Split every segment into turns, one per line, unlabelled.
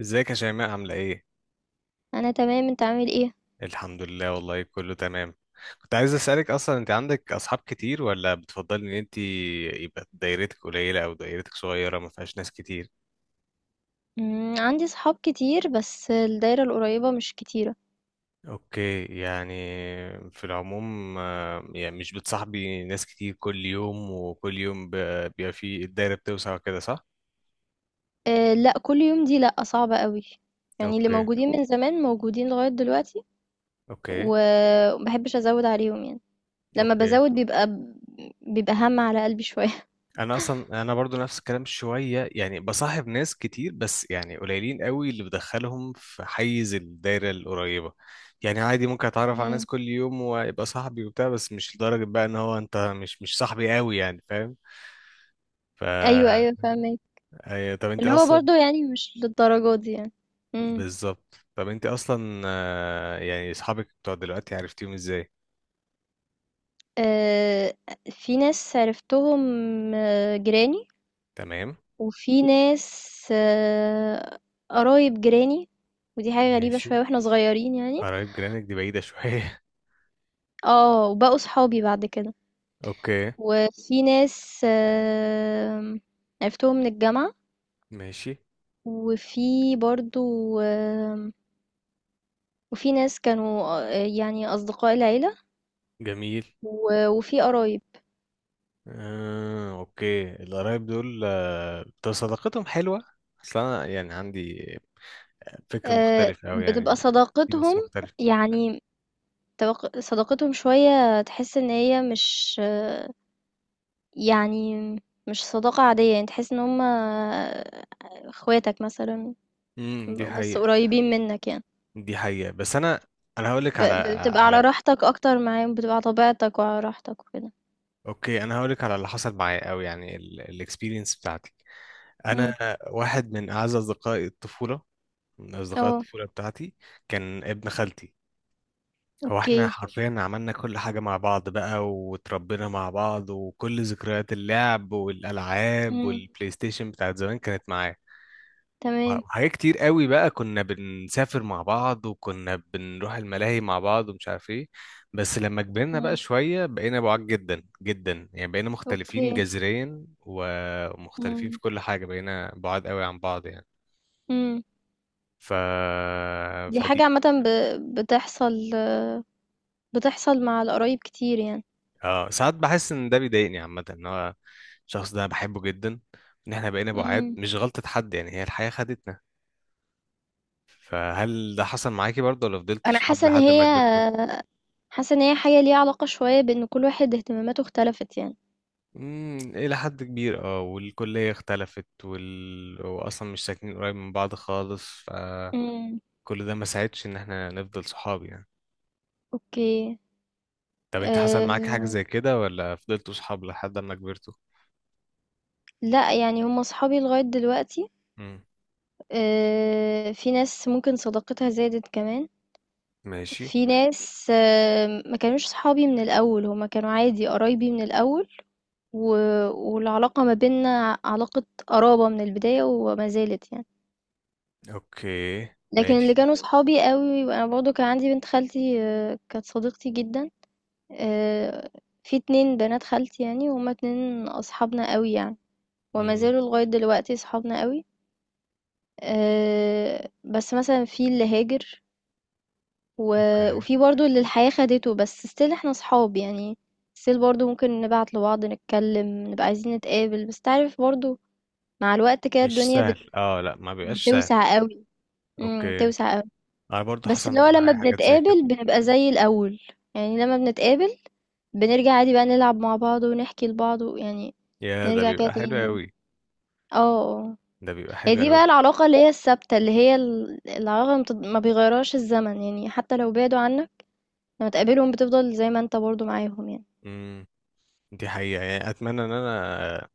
ازيك يا شيماء عاملة ايه؟
أنا تمام، أنت عامل إيه؟
الحمد لله، والله كله تمام. كنت عايز اسألك، اصلا انت عندك اصحاب كتير، ولا بتفضلي ان انت يبقى دايرتك قليلة او دايرتك صغيرة ما فيهاش ناس كتير؟
عندي صحاب كتير بس الدايرة القريبة مش كتيرة.
اوكي يعني، في العموم يعني مش بتصاحبي ناس كتير كل يوم، وكل يوم بيبقى في الدايرة بتوسع وكده، صح؟
أه لأ، كل يوم دي لأ، صعبة قوي. يعني اللي
اوكي،
موجودين من زمان موجودين لغاية دلوقتي،
اوكي،
ومبحبش أزود عليهم يعني. لما
اوكي،
بزود بيبقى هم على قلبي شوية.
انا اصلا برضو نفس الكلام شويه، يعني بصاحب ناس كتير بس يعني قليلين قوي اللي بدخلهم في حيز الدايره القريبه. يعني عادي ممكن اتعرف على
مم.
ناس كل يوم ويبقى صاحبي وبتاع، بس مش لدرجه بقى ان هو انت مش صاحبي قوي، يعني فاهم. ف
أيوه أيوه فاهمك،
أيوة، طب انت
اللي هو
اصلا
برضه يعني مش للدرجة دي يعني. مم.
بالظبط، طب انت اصلا يعني اصحابك بتوع دلوقتي عرفتيهم ازاي؟
أه، في ناس عرفتهم جيراني،
تمام.
وفي ناس قرايب جيراني، ودي حاجة غريبة
ماشي.
شوية واحنا صغيرين يعني.
قرايب جيرانك دي بعيده شويه.
اه، وبقوا صحابي بعد كده.
اوكي.
وفي ناس عرفتهم من الجامعة،
ماشي.
وفي برضو آم، وفي ناس كانوا يعني أصدقاء العيلة،
جميل.
وفي قرايب.
اوكي، القرايب دول، طب صداقتهم حلوة، اصل انا يعني عندي فكر مختلف اوي
بتبقى
يعني، في
صداقتهم
ناس مختلفة.
يعني، صداقتهم شوية تحس ان هي مش يعني مش صداقة عادية، يعني تحس ان هما اخواتك مثلا،
امم، دي
بس
حقيقة.
قريبين منك يعني.
دي حقيقة، بس انا هقول لك على
بتبقى على
على
راحتك اكتر معاهم، بتبقى على طبيعتك وعلى راحتك وكده.
اوكي، انا هقول لك على اللي حصل معايا، او يعني الاكسبيرينس بتاعتي.
امم
انا واحد من اعز اصدقائي الطفولة، من اصدقاء
اه
الطفولة بتاعتي، كان ابن خالتي. هو
اوكي.
احنا حرفيا عملنا كل حاجة مع بعض بقى، وتربينا مع بعض، وكل ذكريات اللعب والألعاب
امم
والبلاي ستيشن بتاعت زمان كانت معاه.
تمام.
وحاجات كتير قوي بقى، كنا بنسافر مع بعض، وكنا بنروح الملاهي مع بعض، ومش عارف ايه. بس لما كبرنا بقى
امم
شوية بقينا بعاد جدا جدا، يعني بقينا مختلفين
اوكي.
جذريا ومختلفين
امم
في كل حاجة، بقينا بعاد قوي عن بعض يعني.
امم
ف...
دي حاجة
فدي،
عامة بتحصل، بتحصل مع القرايب كتير يعني.
اه ساعات بحس ان ده بيضايقني عامة، ان هو الشخص ده بحبه جدا، ان احنا بقينا بعاد
امم
مش غلطة حد، يعني هي الحياة خدتنا. فهل ده حصل معاكي برضه، ولا فضلتوا
انا
صحاب
حاسة ان
لحد
هي،
ما كبرتوا؟
حاسة ان هي حاجة ليها علاقة شوية بان كل واحد اهتماماته اختلفت يعني.
امم، الى حد كبير اه، والكلية اختلفت، واصلا مش ساكنين قريب من بعض خالص، فكل
امم
ده ما ساعدش ان احنا نفضل صحاب يعني.
اوكي.
طب انت حصل
آآ
معاك حاجة زي كده، ولا فضلتوا صحاب لحد ما كبرتوا؟
لأ، يعني هم صحابي لغاية دلوقتي.
امم.
في ناس ممكن صداقتها زادت كمان،
ماشي.
في ناس أه ما كانوش صحابي من الأول، هم كانوا عادي قرايبي من الأول، و والعلاقة ما بيننا علاقة قرابة من البداية وما زالت يعني.
اوكي.
لكن اللي
ماشي.
كانوا صحابي أوي، وأنا برضه كان عندي بنت خالتي كانت صديقتي جدًا. آآ في 2 بنات خالتي يعني، وهُم 2 أصحابنا أوي يعني، وما
امم.
زالوا لغاية دلوقتي صحابنا أوي. بس مثلًا في اللي هاجر، و
اوكي.
وفي برضه اللي الحياة خدته، بس still إحنا أصحاب يعني. still برضه ممكن نبعت لبعض، نتكلّم، نبقى عايزين نتقابل، بس أنت عارف برضه مع الوقت كده
مش
الدنيا
سهل، اه لا ما بيبقاش سهل.
بتوسع أوي.
اوكي،
بتوسع أوي.
انا برضو
بس اللي
حصل
هو لمّا
معايا حاجات زي كده.
بنتقابل بنبقى زي الأول، يعني لمّا بنتقابل بنرجع عادي بقى نلعب مع بعض ونحكي لبعض ويعني
يا، ده
نرجع كده
بيبقى حلو
تاني يعني.
قوي.
آه، آه.
ده بيبقى
هي
حلو
دي بقى
قوي.
العلاقة اللي هي الثابتة، اللي هي العلاقة اللي ما بيغيرهاش الزمن، يعني حتى لو بعدوا عنك لما تقابلهم بتفضل زي ما انت برضو معاهم يعني.
امم، دي حقيقة، يعني اتمنى ان انا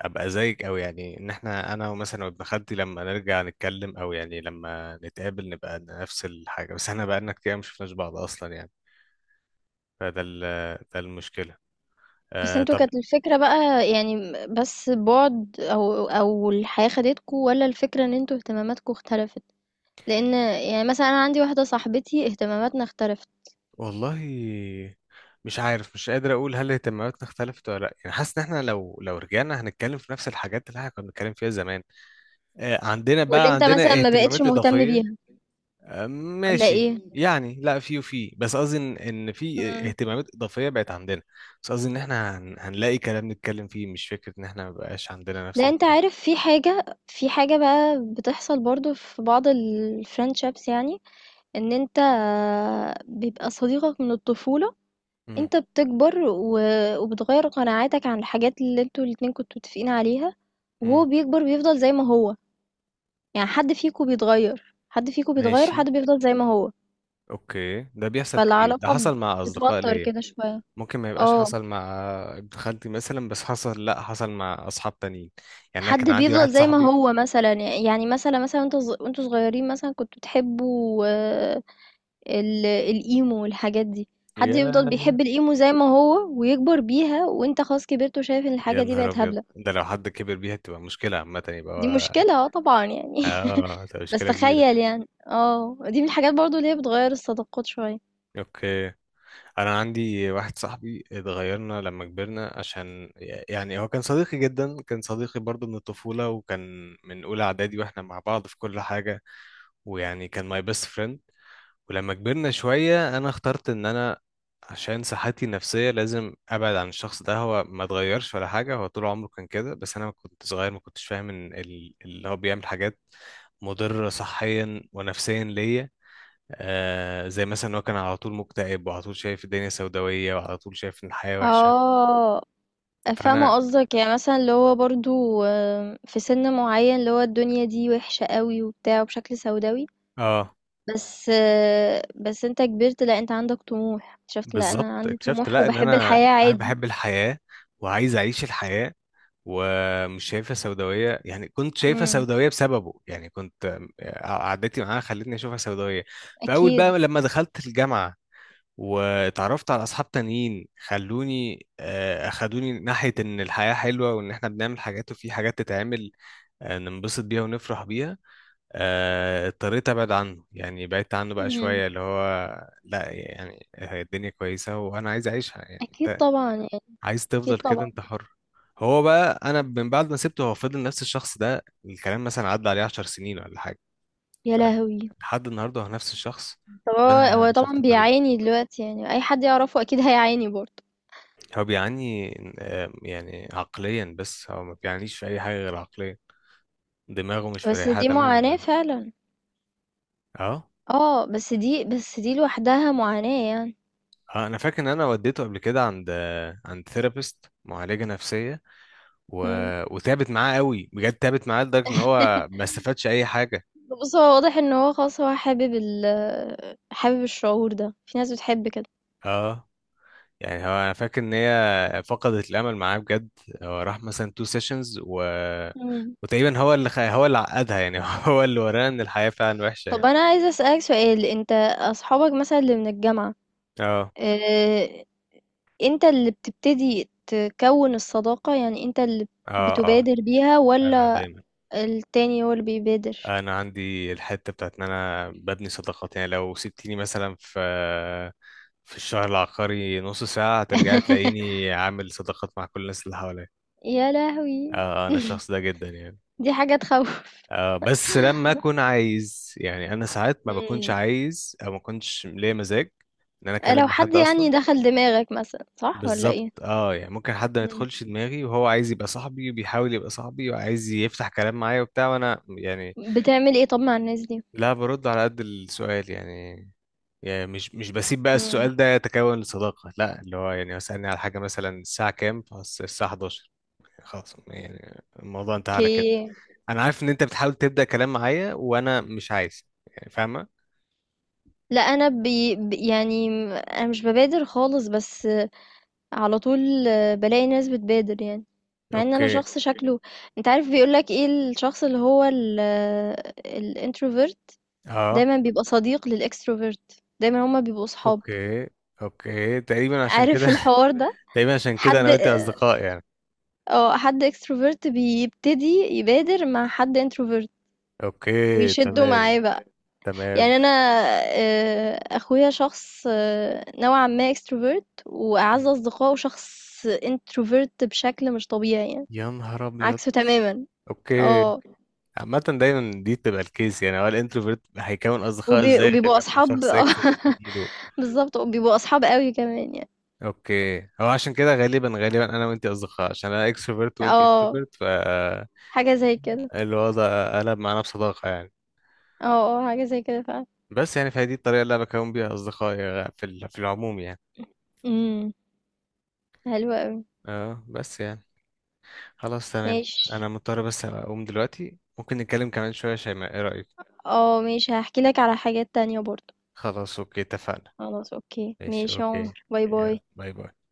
ابقى زيك، او يعني ان احنا، انا مثلا وابن خالتي لما نرجع نتكلم، او يعني لما نتقابل نبقى نفس الحاجة، بس احنا بقالنا كتير ما شفناش بعض اصلا يعني. فده ال- ده المشكلة.
بس انتوا
طب،
كانت الفكرة بقى يعني، بس بعد او الحياة خدتكوا، ولا الفكرة ان انتوا اهتماماتكوا اختلفت؟ لان يعني مثلا انا عندي واحدة صاحبتي اهتماماتنا اختلفت،
والله مش عارف، مش قادر اقول هل اهتماماتنا اختلفت ولا لا، يعني حاسس ان احنا لو رجعنا هنتكلم في نفس الحاجات اللي احنا كنا بنتكلم فيها زمان. عندنا
واللي
بقى
انت مثلا
عندنا
ما بقتش
اهتمامات
مهتم
اضافيه.
بيها، ولا
ماشي.
ايه؟
يعني لا، في وفي، بس قصدي ان إن في
مم.
اهتمامات اضافيه بقت عندنا. بس قصدي ان احنا هنلاقي كلام نتكلم فيه، مش فكره ان احنا ما بقاش عندنا نفس
لا انت
الاهتمامات.
عارف، في حاجة، في حاجة بقى بتحصل برضو في بعض الفريندشيبس يعني. إن أنت بيبقى صديقك من الطفولة،
امم.
أنت بتكبر وبتغيّر قناعاتك عن الحاجات اللي أنتم الاتنين كنتم متفقين عليها،
امم.
وهو بيكبر بيفضل زي ما هو. يعني حد فيكم بيتغيّر، حد فيكم بيتغيّر
ماشي.
وحد بيفضل زي ما هو،
اوكي، ده بيحصل كتير، ده
فالعلاقة
حصل مع اصدقاء
بتتوتر
ليا.
كده شوية.
ممكن ما يبقاش
آه،
حصل مع ابن خالتي مثلا، بس حصل، لا حصل مع اصحاب تانيين. يعني انا كان
حد
عندي
بيفضل
واحد
زي ما
صاحبي.
هو مثلًا، يعني مثلًا وأنتم صغيّرين مثلًا كنتم بتحبوا الإيمو والحاجات دي. حد
يا
يفضل بيحب الإيمو زي ما هو ويكبر بيها، وانت خلاص كبرت وشايف ان
يا
الحاجة دي
نهار
بقت
ابيض،
هبلة.
ده لو حد كبر بيها تبقى مشكله عامه، يبقى
دي مشكلة اه طبعا يعني.
اه، تبقى
بس
مشكله كبيره.
تخيل يعني، اه دي من الحاجات برضو اللي هي بتغير الصداقات شوية.
اوكي، انا عندي واحد صاحبي اتغيرنا لما كبرنا عشان، يعني هو كان صديقي جدا، كان صديقي برضه من الطفوله، وكان من اولى اعدادي واحنا مع بعض في كل حاجه، ويعني كان ماي بيست friend. ولما كبرنا شوية أنا اخترت إن أنا عشان صحتي النفسية لازم أبعد عن الشخص ده. هو ما اتغيرش ولا حاجة، هو طول عمره كان كده، بس أنا كنت صغير ما كنتش فاهم إن اللي هو بيعمل حاجات مضرة صحيا ونفسيا ليا. زي مثلا هو كان على طول مكتئب، وعلى طول شايف الدنيا سوداوية، وعلى طول شايف إن الحياة وحشة.
اه
فأنا
فاهمة قصدك، يعني مثلا اللي هو برضو في سن معين اللي هو الدنيا دي وحشة قوي وبتاع وبشكل سوداوي.
آه
بس بس انت كبرت، لا انت عندك طموح. شفت، لا
بالظبط،
انا عندي
اكتشفت
طموح
لا إن
وبحب
أنا
الحياة عادي.
بحب الحياة، وعايز أعيش الحياة، ومش شايفها سوداوية، يعني كنت شايفها
امم
سوداوية بسببه، يعني كنت قعدتي معاها خلتني أشوفها سوداوية. فأول
اكيد.
بقى لما دخلت الجامعة، واتعرفت على أصحاب تانيين خلوني، أخدوني ناحية إن الحياة حلوة، وإن إحنا بنعمل حاجات، وفي حاجات تتعمل ننبسط بيها ونفرح بيها. اضطريت أبعد عنه، يعني بعدت عنه بقى شوية، اللي هو لا، يعني هي الدنيا كويسة وأنا عايز أعيشها يعني.
أكيد طبعا يعني.
عايز
أكيد
تفضل كده
طبعا.
انت حر. هو بقى انا من بعد ما سبته هو فضل نفس الشخص ده، الكلام مثلا عدى عليه 10 سنين ولا حاجه.
يا
فعلا،
لهوي!
لحد النهارده هو نفس الشخص.
طبعا
وانا
هو طبعا
شفت طريق.
بيعاني دلوقتي، يعني أي حد يعرفه أكيد هيعاني برضه.
هو بيعاني يعني عقليا، بس هو ما بيعانيش في اي حاجه غير عقليا، دماغه مش
بس
مريحه
دي
تماما
معاناة
يعني.
فعلا.
اه.
اه، بس دي لوحدها معاناة يعني.
اه. انا فاكر ان انا وديته قبل كده عند، عند ثيرابيست، معالجه نفسيه و...
مم.
وتعبت معاه قوي بجد، تعبت معاه لدرجه ان هو ما استفادش اي حاجه.
بص، هو واضح ان هو خلاص هو حابب الشعور ده. في ناس بتحب كده.
اه، يعني هو انا فاكر ان هي فقدت الامل معاه بجد. هو راح مثلا تو سيشنز و
مم.
وتقريبا هو اللي هو اللي عقدها يعني. هو اللي ورانا ان الحياة فعلا وحشة
طب
يعني.
انا عايزه اسالك سؤال، انت اصحابك مثلا اللي من الجامعه،
اه.
اه، انت اللي بتبتدي تكون الصداقه يعني، انت اللي
اه. اه،
بتبادر بيها،
انا
ولا
دايما،
التاني هو اللي بيبادر؟
انا عندي الحتة بتاعت ان انا ببني صداقات، يعني لو سبتيني مثلا في الشهر العقاري نص ساعة هترجعي تلاقيني عامل صداقات مع كل الناس اللي حواليا.
يا
اه.
لهوي!
انا الشخص ده جدا يعني.
دي حاجة تخوّف.
بس لما اكون عايز، يعني انا ساعات ما بكونش
إمم.
عايز، او ما كنتش ليا مزاج ان انا اكلم
لو
مع
حد
حد
يعني
اصلا.
دخل دماغك مثلًا، صح والّا
بالظبط،
إيه؟
اه يعني ممكن حد ما
إمم.
يدخلش دماغي وهو عايز يبقى صاحبي، وبيحاول يبقى صاحبي، وعايز يفتح كلام معايا وبتاع، وانا يعني
بتعمل إيه طب مع الناس دي؟
لا برد على قد السؤال يعني. يعني مش بسيب بقى
إمم.
السؤال ده يتكون لصداقة، لا اللي هو يعني اسألني على حاجة مثلا الساعة كام، الساعة 11، خلاص، يعني الموضوع انتهى على كده.
أوكي.
انا عارف ان انت بتحاول تبدأ كلام معايا، وانا مش عايز، يعني فاهمة.
لأ أنا بي ب يعني م أنا مش بابادر خالص، بس على طول بالاقي ناس بتبادر يعني، مع إن أنا
اوكي.
شخص شكله. أنت عارف بيقول لك إيه الشخص اللي هو الintrovert،
اه.
دايمًا بيبقى صديق للextrovert، دايمًا هُم بيبقوا صحاب.
اوكي. اوكي تقريبا عشان كده.
عارف الحوار ده؟
تقريبا عشان كده
حد
انا وانت اصدقاء يعني.
اه حد اكستروفرت بيبتدي يبادر مع حد انتروفرت
اوكي.
ويشدوا معاه
تمام.
بقى.
تمام.
يعني انا اخويا شخص نوعا ما اكستروفرت، واعز اصدقائه شخص انتروفرت بشكل مش طبيعي يعني،
يا نهار ابيض.
عكسه تماما.
اوكي.
اه.
عامة دايما دي بتبقى الكيس، يعني هو الانتروفيرت هيكون اصدقاء ازاي غير
وبيبقوا
لما
اصحاب.
شخص
اه
اكستروفيرت يجيله؟
بالظبط، وبيبقوا اصحاب قوي كمان يعني.
اوكي، هو عشان كده غالبا انا وانت اصدقاء، عشان انا اكستروفيرت وانت
اه
انتروفيرت، فالوضع
حاجه زي كده.
قلب معانا بصداقة يعني.
اه اه حاجه زي كده فعلا.
بس يعني، فهي دي الطريقة اللي انا بكون بيها اصدقائي، في العموم يعني.
امم حلوه قوي.
اه بس يعني، خلاص تمام.
ماشي.
انا مضطر بس اقوم دلوقتي، ممكن نتكلم كمان شوية يا شيماء، ايه رأيك؟
اه ماشي، هحكي لك على حاجات تانية برضو.
خلاص اوكي، اتفقنا.
خلاص اوكي،
ماشي
ماشي يا
اوكي،
عمر، باي باي.
يا باي باي.